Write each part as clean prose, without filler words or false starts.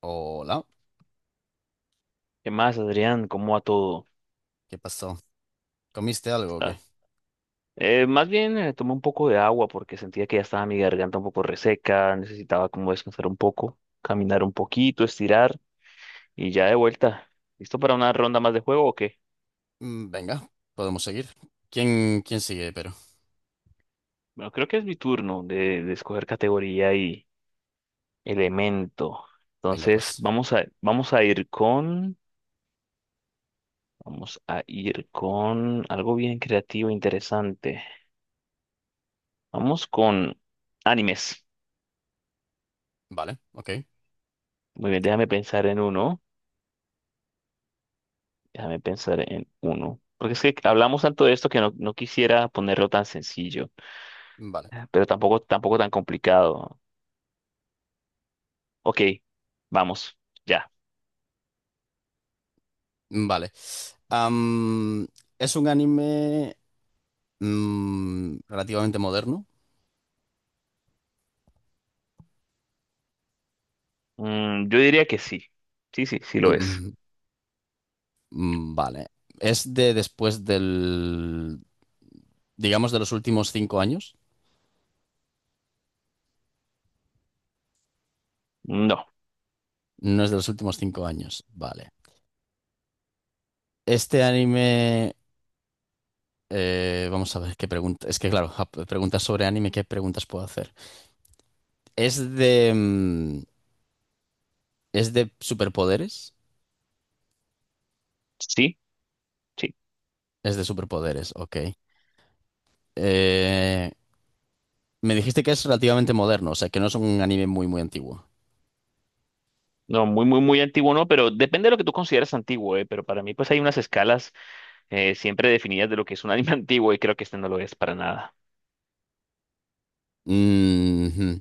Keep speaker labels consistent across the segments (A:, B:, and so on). A: Hola,
B: ¿Qué más, Adrián? ¿Cómo va todo?
A: ¿qué pasó? ¿Comiste algo o qué?
B: Está- Más bien tomé un poco de agua porque sentía que ya estaba mi garganta un poco reseca, necesitaba como descansar un poco, caminar un poquito, estirar y ya de vuelta. ¿Listo para una ronda más de juego o qué?
A: Mm, venga, podemos seguir. ¿Quién sigue, pero?
B: Bueno, creo que es mi turno de escoger categoría y elemento.
A: Venga,
B: Entonces,
A: pues.
B: vamos a ir vamos a ir con algo bien creativo, e interesante. Vamos con animes.
A: Vale, ok,
B: Muy bien, déjame pensar en uno. Déjame pensar en uno. Porque es que hablamos tanto de esto que no quisiera ponerlo tan sencillo,
A: vale,
B: pero tampoco tan complicado. Ok, vamos, ya.
A: vale. Am, es un anime relativamente moderno.
B: Mm, yo diría que sí. Sí, sí, sí lo es.
A: Mm, vale. Es de después del, digamos, de los últimos 5 años.
B: No,
A: No es de los últimos 5 años, vale. Este anime, vamos a ver qué pregunta. Es que, claro, preguntas sobre anime, ¿qué preguntas puedo hacer? Es de. mm, Es de superpoderes.
B: sí, sí.
A: Es de superpoderes, ok. Eh, Me dijiste que es relativamente moderno, o sea, que no es un anime muy, muy antiguo.
B: No, muy, muy, muy antiguo no, pero depende de lo que tú consideres antiguo, eh. Pero para mí, pues hay unas escalas siempre definidas de lo que es un anime antiguo y creo que este no lo es para nada.
A: Mhm.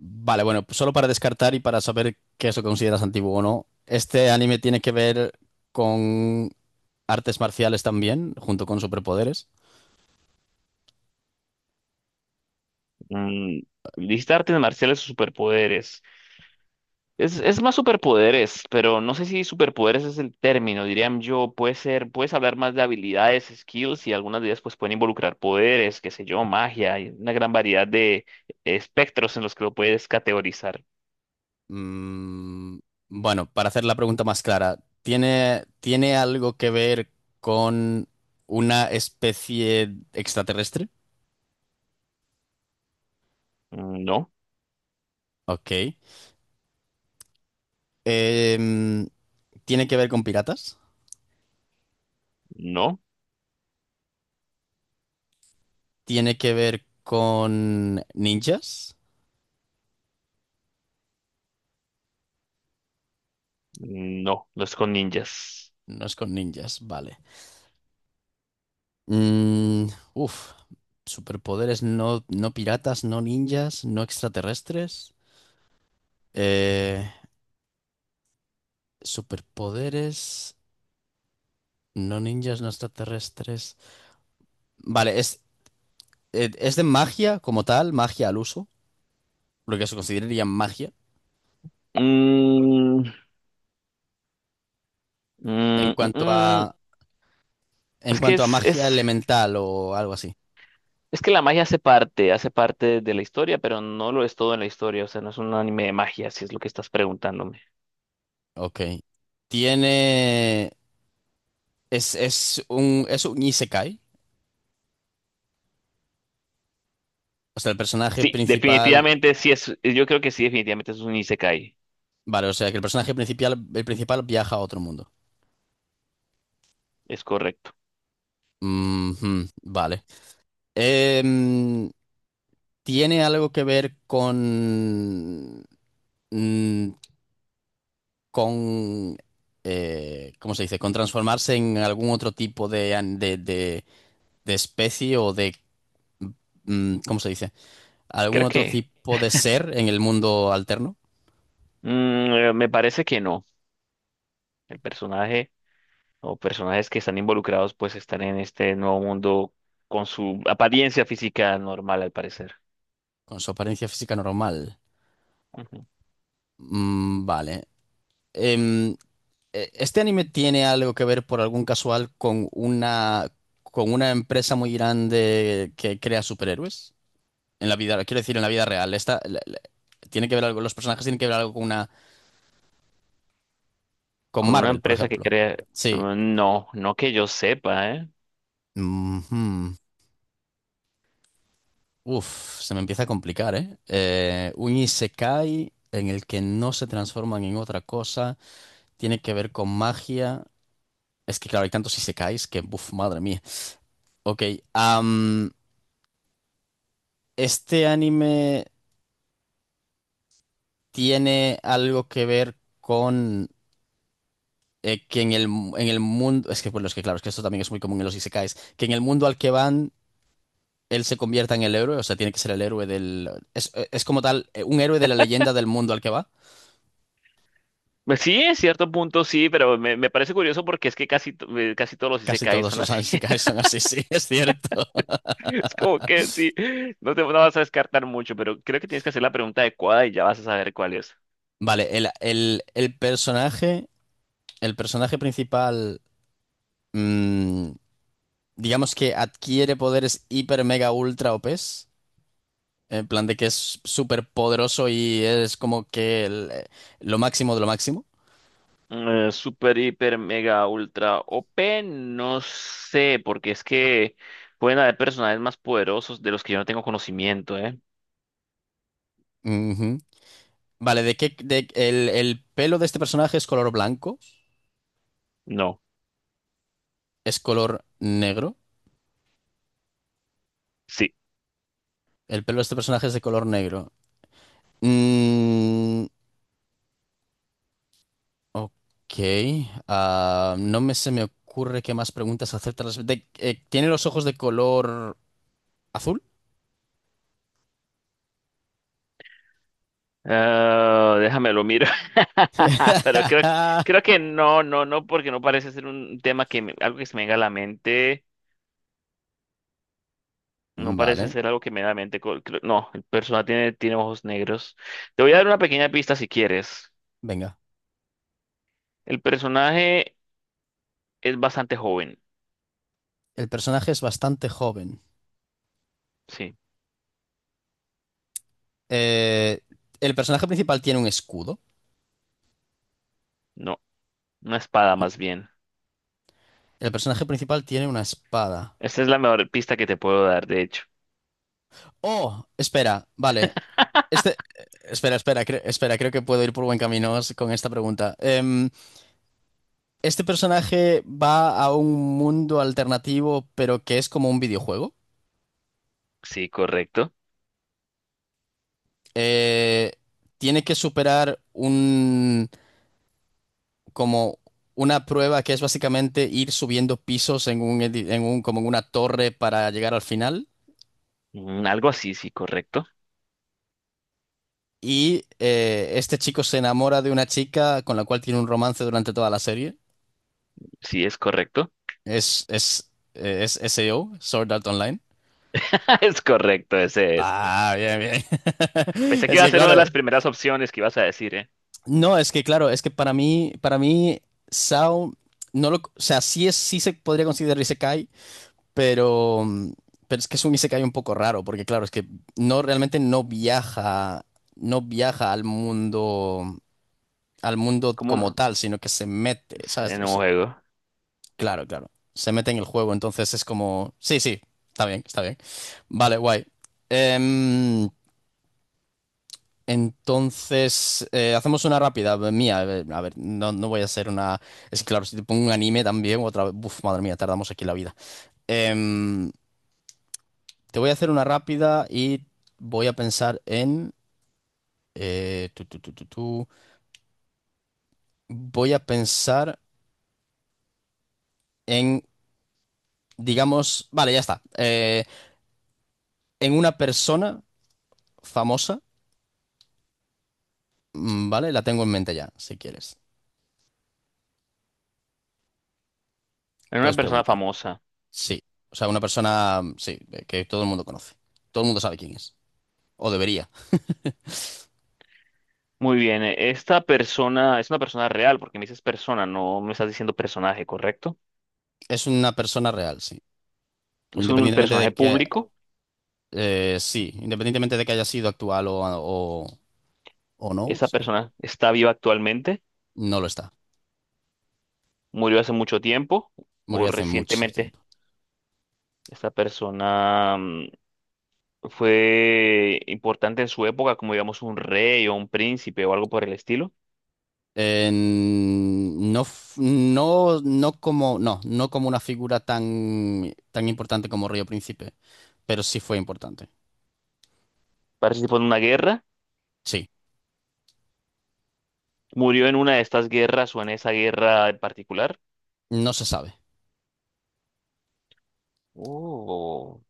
A: Vale, bueno, pues solo para descartar y para saber qué es lo que consideras antiguo o no, ¿este anime tiene que ver con artes marciales también, junto con superpoderes?
B: Mm, listar artes marciales o superpoderes. Es más superpoderes, pero no sé si superpoderes es el término, dirían yo, puede ser, puedes hablar más de habilidades, skills y algunas de ellas pues pueden involucrar poderes, qué sé yo, magia, hay una gran variedad de espectros en los que lo puedes categorizar.
A: Mm, bueno, para hacer la pregunta más clara, ¿tiene algo que ver con una especie extraterrestre?
B: No,
A: Ok. Em, ¿Tiene que ver con piratas?
B: no,
A: ¿Tiene que ver con ninjas?
B: no, no es con ninjas.
A: No es con ninjas, vale. Mm, uf, superpoderes no, no piratas, no ninjas, no extraterrestres. Eh, Superpoderes no ninjas, no extraterrestres. Vale, es de magia como tal, magia al uso, lo que se consideraría magia.
B: Mm,
A: En
B: mm, mm,
A: cuanto
B: mm.
A: a, en
B: Es que
A: cuanto a
B: es,
A: magia
B: es,
A: elemental o algo así.
B: es que la magia hace parte de la historia, pero no lo es todo en la historia, o sea, no es un anime de magia, si es lo que estás preguntándome.
A: Ok. Tiene. Es un isekai. O sea, el personaje
B: Sí,
A: principal.
B: definitivamente sí es, yo creo que sí, definitivamente es un isekai,
A: Vale, o sea que el personaje principal, el principal viaja a otro mundo.
B: es correcto.
A: Ujú, vale. Em, ¿Tiene algo que ver con. mm, con. ¿Cómo se dice? Con transformarse en algún otro tipo de, de especie o de. ¿Cómo se dice? ¿Algún
B: Creo
A: otro
B: que,
A: tipo de ser en el mundo alterno?
B: mm, me parece que no. El personaje o personajes que están involucrados pues están en este nuevo mundo con su apariencia física normal al parecer.
A: Con su apariencia física normal.
B: Ujú.
A: Mm, vale. Em, ¿Este anime tiene algo que ver por algún casual con una empresa muy grande que crea superhéroes? En la vida, quiero decir, en la vida real. Esta, tiene que ver algo, los personajes tienen que ver algo con una, con
B: Con una
A: Marvel, por
B: empresa que
A: ejemplo.
B: crea,
A: Sí.
B: mm, no, no que yo sepa, ¿eh?
A: Ujú. Uf, se me empieza a complicar, ¿eh? Un isekai en el que no se transforman en otra cosa, tiene que ver con magia. Es que claro, hay tantos isekais que, buf, madre mía. Ok, am, ¿este anime tiene algo que ver con que en el mundo... Es que, bueno, es que claro, es que esto también es muy común en los isekais, que en el mundo al que van, él se convierta en el héroe, o sea, tiene que ser el héroe del... es como tal, un héroe de la leyenda del mundo al que va.
B: Pues sí, en cierto punto sí, pero me parece curioso porque es que casi todos los
A: Casi
B: isekais
A: todos
B: son
A: los
B: así.
A: isekais son así, sí, es cierto.
B: Es como que sí, no te no vas a descartar mucho, pero creo que tienes que hacer la pregunta adecuada y ya vas a saber cuál es.
A: Vale, el personaje principal... mm, digamos que adquiere poderes hiper, mega, ultra o OPs, en plan de que es súper poderoso y es como que lo máximo de lo máximo.
B: Super, hiper, mega, ultra, o p no sé, porque es que pueden haber personajes más poderosos de los que yo no tengo conocimiento, ¿eh?
A: Ujú. Vale, ¿de qué? El pelo de este personaje es color blanco,
B: No,
A: es color negro.
B: sí.
A: El pelo de este personaje es de color negro. Mm, ok. Ah, no me se me ocurre qué más preguntas hacerte. Al respecto. ¿Tiene los ojos de color azul?
B: Ah, déjame lo miro. Pero creo, creo que no, no, no, porque no parece ser un tema que algo que se me venga a la mente. No parece
A: Vale,
B: ser algo que me da en mente. No, el personaje tiene, tiene ojos negros. Te voy a dar una pequeña pista si quieres.
A: venga.
B: El personaje es bastante joven.
A: El personaje es bastante joven.
B: Sí,
A: Eh, el personaje principal tiene un escudo.
B: no, una espada más bien.
A: El personaje principal tiene una espada.
B: Esta es la mejor pista que te puedo dar, de hecho.
A: Oh, espera, vale. Este, espera, creo que puedo ir por buen camino con esta pregunta. Este personaje va a un mundo alternativo, pero que es como un videojuego.
B: Sí, correcto.
A: Eh, Tiene que superar un, como una prueba que es básicamente ir subiendo pisos en un, en un, como en una torre para llegar al final.
B: Mm, algo así, sí, correcto.
A: Y este chico se enamora de una chica con la cual tiene un romance durante toda la serie.
B: Sí, es correcto.
A: Es SAO, Sword Art Online.
B: Es correcto, ese es.
A: Ah, bien, bien.
B: Pensé que
A: Es
B: iba a
A: que
B: ser una de
A: claro,
B: las primeras opciones que ibas a decir, ¿eh?
A: no, es que claro, es que SAO, no lo, o sea, sí es, sí se podría considerar Isekai, pero, pero es que es un Isekai un poco raro, porque claro, es que no, realmente no viaja, no viaja al mundo
B: Como
A: como
B: un...
A: tal, sino que se mete, ¿sabes?
B: en un juego.
A: Claro, claro. Se mete en el juego, entonces es como... Sí, sí, está bien, está bien. Vale, guay. Em, entonces, hacemos una rápida mía. A ver, no, no voy a hacer una... Es que claro, si te pongo un anime también, otra vez... Uf, madre mía, tardamos aquí la vida. Em, Te voy a hacer una rápida y voy a pensar en... tu, tu, tu, tu, tu. Voy a pensar en, digamos... Vale, ya está. En una persona famosa. Mm, vale, la tengo en mente ya, si quieres.
B: Era una
A: Puedes
B: persona
A: preguntar.
B: famosa.
A: Sí. O sea, una persona, mm, sí, que todo el mundo conoce. Todo el mundo sabe quién es. O debería.
B: Muy bien, esta persona es una persona real, porque me dices persona, no me estás diciendo personaje, ¿correcto?
A: Es una persona real, sí.
B: Es un
A: Independientemente de
B: personaje
A: que,
B: público.
A: sí, independientemente de que haya sido actual o no,
B: ¿Esta
A: sí,
B: persona está viva actualmente,
A: no lo está.
B: murió hace mucho tiempo o
A: Murió hace mucho
B: recientemente?
A: tiempo.
B: Esta persona mm, fue importante en su época, como digamos un rey o un príncipe o algo por el estilo.
A: No, no, no como una figura tan, tan importante como Río Príncipe, pero sí fue importante.
B: Participó en una guerra,
A: Sí,
B: ¿murió en una de estas guerras o en esa guerra en particular?
A: no se sabe.
B: Oh.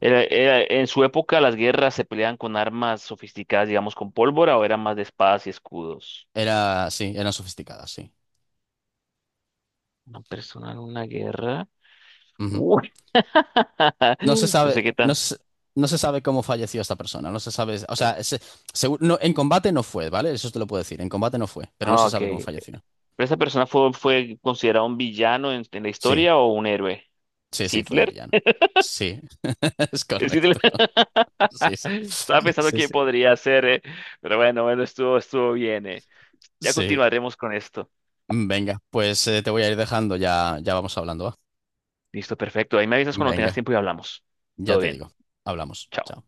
B: En su época, ¿las guerras se peleaban con armas sofisticadas, digamos, con pólvora o eran más de espadas y escudos?
A: Era, sí, eran sofisticadas, sí.
B: Una persona en una guerra.
A: Ujú.
B: Uy.
A: No se
B: No sé
A: sabe,
B: qué
A: no
B: tan.
A: se, no se sabe cómo falleció esta persona, no se sabe, o sea, no, en combate no fue, ¿vale? Eso te lo puedo decir, en combate no fue, pero no
B: Ah,
A: se
B: ok.
A: sabe cómo
B: ¿Pero
A: falleció.
B: esa persona fue, fue considerado un villano en la
A: Sí,
B: historia o un héroe? ¿Es
A: sí, fue un
B: Hitler?
A: villano. Sí, es
B: ¿Es Hitler?
A: correcto. Sí, sí,
B: Estaba pensando
A: sí,
B: quién
A: sí.
B: podría ser, eh. Pero bueno, bueno, estuvo bien, eh. Ya
A: Sí,
B: continuaremos con esto.
A: venga, pues te voy a ir dejando, ya vamos hablando, ¿va?
B: Listo, perfecto. Ahí me avisas cuando tengas
A: Venga,
B: tiempo y hablamos.
A: ya
B: Todo
A: te
B: bien.
A: digo, hablamos.
B: Chao.
A: Chao.